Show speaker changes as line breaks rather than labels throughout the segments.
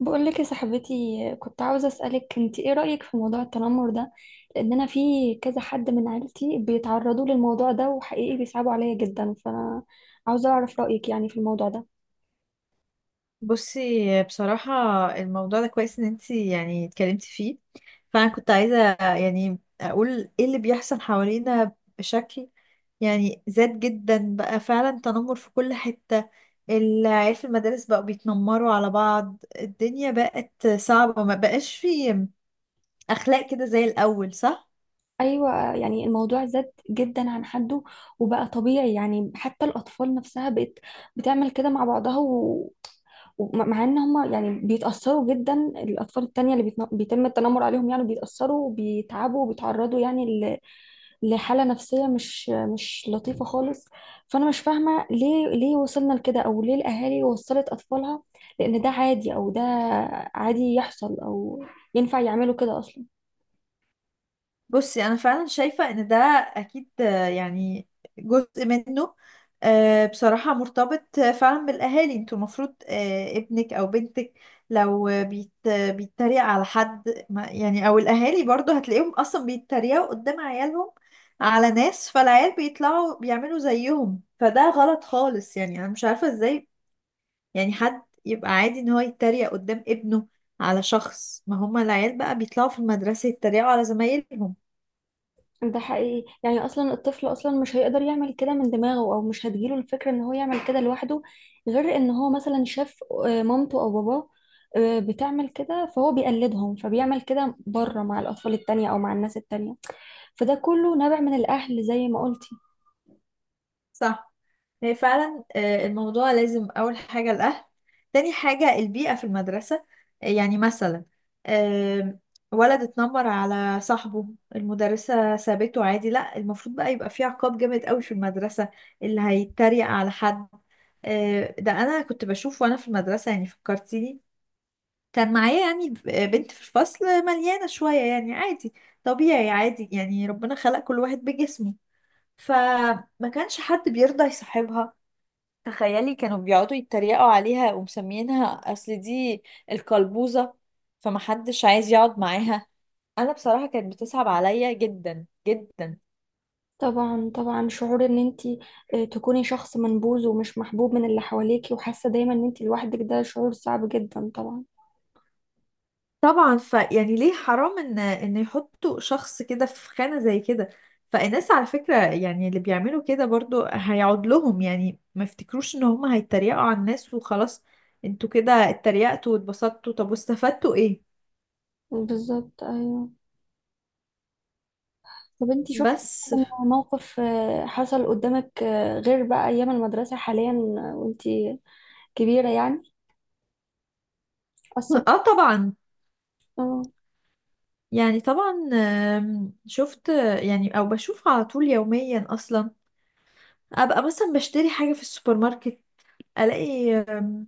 بقولك يا صاحبتي، كنت عاوزة أسألك انت ايه رأيك في موضوع التنمر ده؟ لأن أنا في كذا حد من عيلتي بيتعرضوا للموضوع ده، وحقيقي بيصعبوا عليا جدا. فأنا عاوزة أعرف رأيك يعني في الموضوع ده.
بصي، بصراحة الموضوع ده كويس ان انتي يعني اتكلمتي فيه. فانا كنت عايزة يعني اقول ايه اللي بيحصل حوالينا بشكل يعني زاد جدا بقى فعلا تنمر في كل حتة. العيال في المدارس بقوا بيتنمروا على بعض، الدنيا بقت صعبة، ما بقاش في اخلاق كده زي الاول، صح؟
أيوة، يعني الموضوع زاد جدا عن حده وبقى طبيعي. يعني حتى الأطفال نفسها بقت بتعمل كده مع بعضها و... ومع ان هما يعني بيتأثروا جدا. الأطفال التانية اللي بيتم التنمر عليهم يعني بيتأثروا وبيتعبوا وبيتعرضوا يعني لحالة نفسية مش لطيفة خالص. فأنا مش فاهمة ليه وصلنا لكده؟ أو ليه الأهالي وصلت أطفالها لأن ده عادي؟ أو ده عادي يحصل؟ أو ينفع يعملوا كده أصلا؟
بصي، انا فعلا شايفه ان ده اكيد، يعني جزء منه. بصراحه مرتبط فعلا بالاهالي. انتوا المفروض ابنك او بنتك لو بيتريق على حد ما- يعني، او الاهالي برضو هتلاقيهم اصلا بيتريقوا قدام عيالهم على ناس. فالعيال بيطلعوا بيعملوا زيهم، فده غلط خالص. يعني انا مش عارفه ازاي يعني حد يبقى عادي ان هو يتريق قدام ابنه على شخص، ما هما العيال بقى بيطلعوا في المدرسه يتريقوا على زمايلهم.
ده حقيقي. يعني أصلا الطفل أصلا مش هيقدر يعمل كده من دماغه، أو مش هتجيله الفكرة إن هو يعمل كده لوحده، غير إن هو مثلا شاف مامته أو باباه بتعمل كده، فهو بيقلدهم فبيعمل كده بره مع الأطفال التانية أو مع الناس التانية. فده كله نابع من الأهل زي ما قلت.
صح، هي فعلا الموضوع لازم أول حاجة الأهل، تاني حاجة البيئة في المدرسة. يعني مثلا آم، ولد اتنمر على صاحبه، المدرسة سابته عادي. لا، المفروض بقى يبقى في عقاب جامد قوي في المدرسة اللي هيتريق على حد. ده أنا كنت بشوف وأنا في المدرسة، يعني فكرتيني. كان معايا يعني بنت في الفصل مليانة شوية، يعني عادي طبيعي، عادي يعني ربنا خلق كل واحد بجسمه. فما كانش حد بيرضى يصاحبها. تخيلي، كانوا بيقعدوا يتريقوا عليها ومسميينها، اصل دي القلبوزة. فمحدش عايز يقعد معاها. انا بصراحة كانت بتصعب عليا جدا جدا.
طبعا طبعا، شعور ان انت تكوني شخص منبوذ ومش محبوب من اللي حواليكي وحاسه دايما ان انت لوحدك، ده شعور صعب جدا طبعا.
طبعا، ف يعني ليه حرام ان يحطوا شخص كده في خانة زي كده. فالناس، على فكرة، يعني اللي بيعملوا كده برضو هيعود لهم. يعني ما يفتكروش ان هم هيتريقوا على الناس وخلاص. انتوا كده اتريقتوا واتبسطتوا، طب واستفدتوا ايه؟
بالظبط، ايوه. طب انت شفتي
بس.
موقف حصل قدامك غير بقى ايام المدرسه، حاليا وانت كبيره يعني، اثر؟
اه، طبعا.
اه.
يعني طبعا، شفت يعني، او بشوف على طول يوميا اصلا. ابقى مثلا بشتري حاجة في السوبر ماركت، الاقي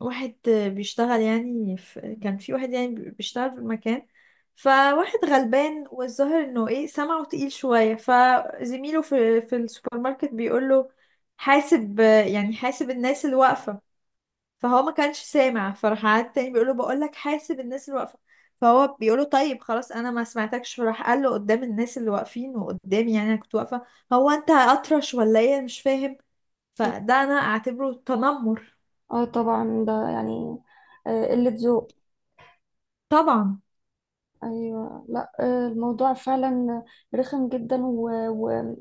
واحد بيشتغل، يعني في، كان في واحد يعني بيشتغل في المكان. فواحد غلبان والظاهر انه ايه سمعه تقيل شوية، فزميله في السوبر ماركت بيقول له، حاسب، يعني حاسب الناس اللي واقفة. فهو ما كانش سامع، فراح قعد تاني بيقول له، بقول لك حاسب الناس اللي واقفه. فهو بيقول له، طيب خلاص انا ما سمعتكش. فراح قال له قدام الناس اللي واقفين وقدامي، يعني انا كنت واقفه، هو انت اطرش ولا ايه مش فاهم؟ فده انا اعتبره تنمر.
اه طبعا، ده يعني قله ذوق.
طبعا
ايوه، لا الموضوع فعلا رخم جدا و... و...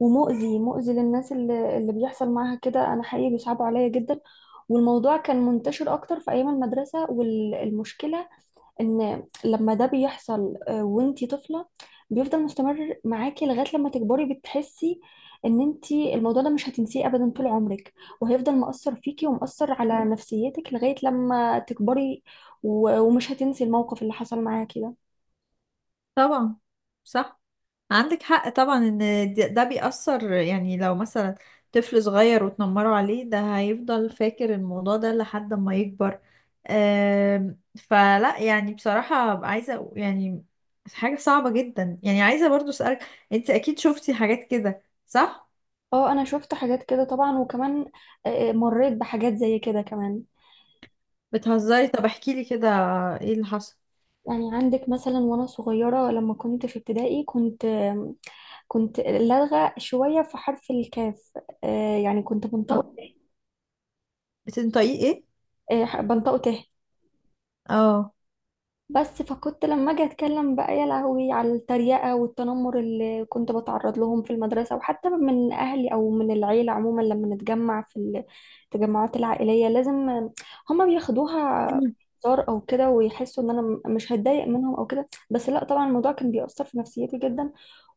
ومؤذي مؤذي للناس اللي بيحصل معاها كده. انا حقيقي بيصعبوا عليا جدا. والموضوع كان منتشر اكتر في ايام المدرسه. والمشكله ان لما ده بيحصل وانتي طفله، بيفضل مستمر معاكي لغايه لما تكبري. بتحسي ان انتي الموضوع ده مش هتنسيه ابدا طول عمرك، وهيفضل مأثر فيكي ومأثر على نفسيتك لغايه لما تكبري، و... ومش هتنسي الموقف اللي حصل معاكي ده.
طبعا. صح، عندك حق طبعا ان ده بيأثر. يعني لو مثلا طفل صغير وتنمروا عليه ده هيفضل فاكر الموضوع ده لحد ما يكبر. فلا يعني بصراحة أبقى عايزة يعني، حاجة صعبة جدا. يعني عايزة برضو أسألك، انت اكيد شفتي حاجات كده، صح؟
اه، انا شفت حاجات كده طبعا. وكمان مريت بحاجات زي كده كمان.
بتهزري؟ طب احكي لي كده، ايه اللي حصل؟
يعني عندك مثلا، وانا صغيرة لما كنت في ابتدائي، كنت لدغة شوية في حرف الكاف. يعني كنت
آه.
بنطقه
بتنطقيه ايه؟
بنطقه ت.
اه،
بس فكنت لما اجي اتكلم بقى يا لهوي على التريقه والتنمر اللي كنت بتعرض لهم في المدرسه، وحتى من اهلي او من العيله عموما لما نتجمع في التجمعات العائليه. لازم هما بياخدوها هزار او كده، ويحسوا ان انا مش هتضايق منهم او كده. بس لا، طبعا الموضوع كان بيأثر في نفسيتي جدا.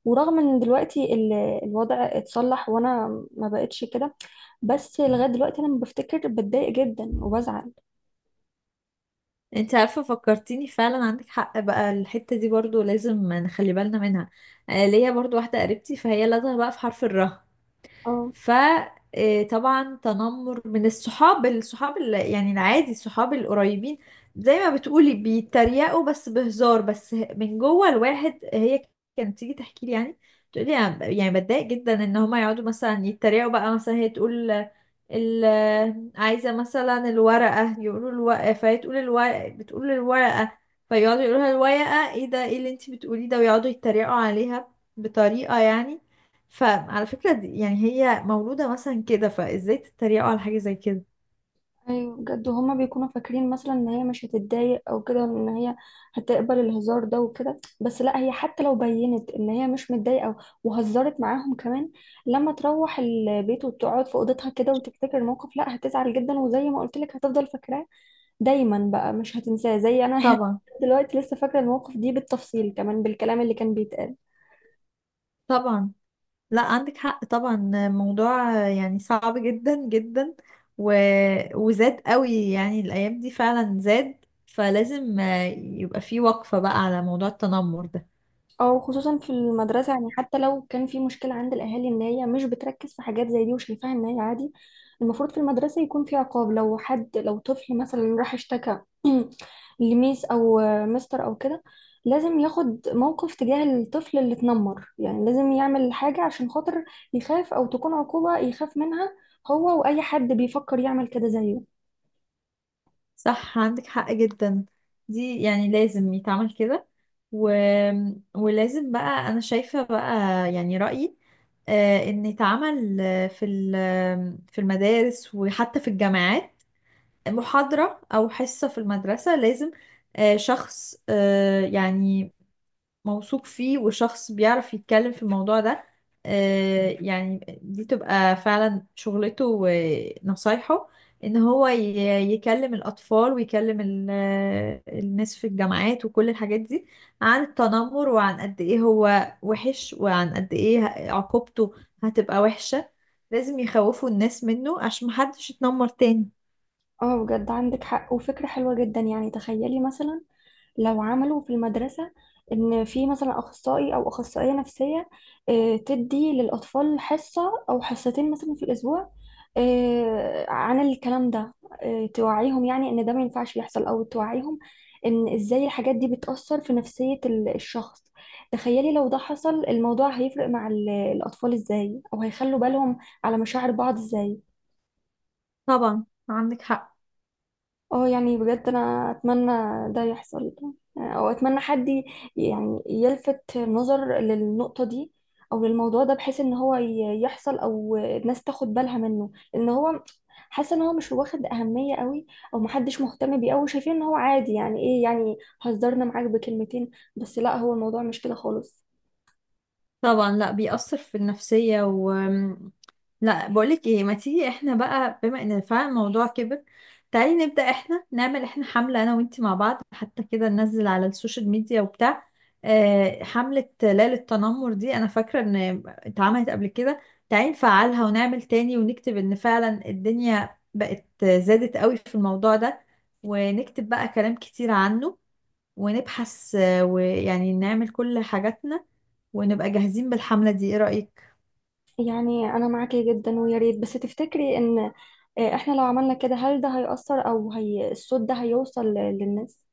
ورغم ان دلوقتي الوضع اتصلح، وانا ما بقتش كده، بس لغايه دلوقتي انا لما بفتكر بتضايق جدا وبزعل.
انت عارفة فكرتيني، فعلا عندك حق بقى، الحتة دي برضو لازم نخلي بالنا منها. ليا برضو واحدة قريبتي، فهي لازمة بقى في حرف الراء.
اه.
فطبعا، تنمر من الصحاب، الصحاب يعني العادي، الصحاب القريبين، زي ما بتقولي بيتريقوا بس بهزار، بس من جوه الواحد. هي كانت تيجي تحكي لي، يعني تقولي، أنا يعني بتضايق جدا ان هما يقعدوا مثلا يتريقوا. بقى مثلا هي تقول ال عايزة مثلا الورقة، يقولوا الورقة فهي تقول الورقة، بتقول الورقة، فيقعدوا يقولوا لها، الورقة ايه ده، ايه اللي انتي بتقوليه ده، ويقعدوا يتريقوا عليها بطريقة يعني. فعلى فكرة دي يعني هي مولودة مثلا كده، فازاي تتريقوا على حاجة زي كده؟
ايوه بجد، هما بيكونوا فاكرين مثلا ان هي مش هتتضايق او كده، ان هي هتقبل الهزار ده وكده. بس لا، هي حتى لو بينت ان هي مش متضايقه وهزرت معاهم كمان، لما تروح البيت وتقعد في اوضتها كده وتفتكر الموقف، لا هتزعل جدا. وزي ما قلت لك هتفضل فاكراه دايما بقى، مش هتنساه. زي انا
طبعا
دلوقتي لسه فاكره الموقف دي بالتفصيل كمان، بالكلام اللي كان بيتقال.
طبعا. لا، عندك حق طبعا، موضوع يعني صعب جدا جدا، و... وزاد قوي يعني الأيام دي، فعلا زاد. فلازم يبقى في وقفة بقى على موضوع التنمر ده.
او خصوصا في المدرسه، يعني حتى لو كان في مشكله عند الاهالي ان هي مش بتركز في حاجات زي دي وشايفاها ان هي عادي، المفروض في المدرسه يكون في عقاب. لو طفل مثلا راح اشتكى لميس او مستر او كده، لازم ياخد موقف تجاه الطفل اللي اتنمر. يعني لازم يعمل حاجه عشان خاطر يخاف، او تكون عقوبه يخاف منها هو واي حد بيفكر يعمل كده زيه.
صح، عندك حق جدا، دي يعني لازم يتعمل كده. و... ولازم بقى، انا شايفة بقى، يعني رأيي، ان يتعمل آه، في ال- آه، في المدارس وحتى في الجامعات محاضرة او حصة في المدرسة. لازم شخص يعني موثوق فيه، وشخص بيعرف يتكلم في الموضوع ده، يعني دي تبقى فعلا شغلته ونصايحه، ان هو يكلم الاطفال، ويكلم الناس في الجامعات وكل الحاجات دي، عن التنمر، وعن قد ايه هو وحش، وعن قد ايه عقوبته هتبقى وحشة. لازم يخوفوا الناس منه عشان محدش يتنمر تاني.
اه بجد، عندك حق وفكره حلوه جدا. يعني تخيلي مثلا لو عملوا في المدرسة إن في مثلا أخصائي أو أخصائية نفسية تدي للأطفال حصة أو حصتين مثلا في الأسبوع عن الكلام ده، توعيهم يعني إن ده ما ينفعش يحصل، أو توعيهم إن إزاي الحاجات دي بتأثر في نفسية الشخص. تخيلي لو ده حصل، الموضوع هيفرق مع الأطفال إزاي، أو هيخلوا بالهم على مشاعر بعض إزاي.
طبعا، عندك حق
اه يعني بجد انا اتمنى ده يحصل، او اتمنى حد يعني يلفت نظر للنقطة دي، او للموضوع ده، بحيث ان هو يحصل، او الناس تاخد بالها منه. لان هو حاسه ان هو مش واخد اهمية قوي، او محدش مهتم بيه قوي. شايفين ان هو عادي، يعني ايه يعني هزرنا معاك بكلمتين؟ بس لا، هو الموضوع مش كده خالص.
طبعا، لا بيأثر في النفسية. لا، بقولك ايه، ما تيجي احنا بقى، بما ان فعلا الموضوع كبر، تعالي نبدأ احنا، نعمل احنا حملة انا وانتي مع بعض، حتى كده ننزل على السوشيال ميديا وبتاع. حملة ليلة التنمر دي انا فاكرة ان اتعملت قبل كده، تعالي نفعلها ونعمل تاني، ونكتب ان فعلا الدنيا بقت زادت قوي في الموضوع ده، ونكتب بقى كلام كتير عنه، ونبحث ويعني نعمل كل حاجاتنا، ونبقى جاهزين بالحملة دي. ايه رأيك؟
يعني انا معاكي جدا، ويا ريت بس تفتكري ان احنا لو عملنا كده هل ده هيأثر، او هي الصوت ده هيوصل للناس؟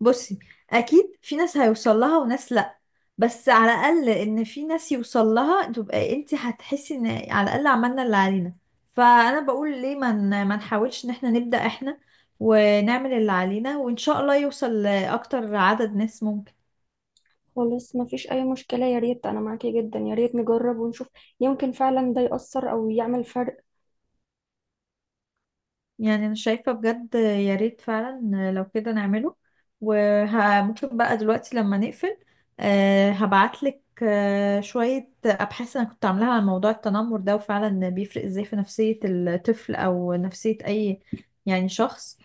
بصي، اكيد في ناس هيوصل لها وناس لا، بس على الاقل ان في ناس يوصل لها، تبقى انت هتحسي ان على الاقل عملنا اللي علينا. فانا بقول، ليه ما ما نحاولش ان احنا نبدأ احنا، ونعمل اللي علينا، وان شاء الله يوصل لاكتر عدد ناس ممكن.
خلاص مفيش أي مشكلة. يا ريت، أنا معاكي جدا. يا ريت نجرب ونشوف، يمكن فعلا ده يأثر أو يعمل فرق.
يعني انا شايفة بجد يا ريت فعلا لو كده نعمله. وممكن بقى دلوقتي لما نقفل، هبعتلك شوية أبحاث أنا كنت عاملاها عن موضوع التنمر ده، وفعلا بيفرق إزاي في نفسية الطفل أو نفسية أي يعني شخص.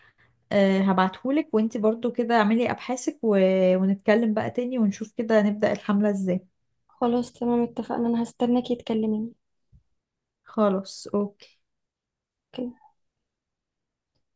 هبعتهولك، وانتي برضو كده اعملي أبحاثك و- ونتكلم بقى تاني، ونشوف كده نبدأ الحملة إزاي.
خلاص، تمام اتفقنا. أنا هستناكي تكلميني.
خلاص، أوكي.
أوكي.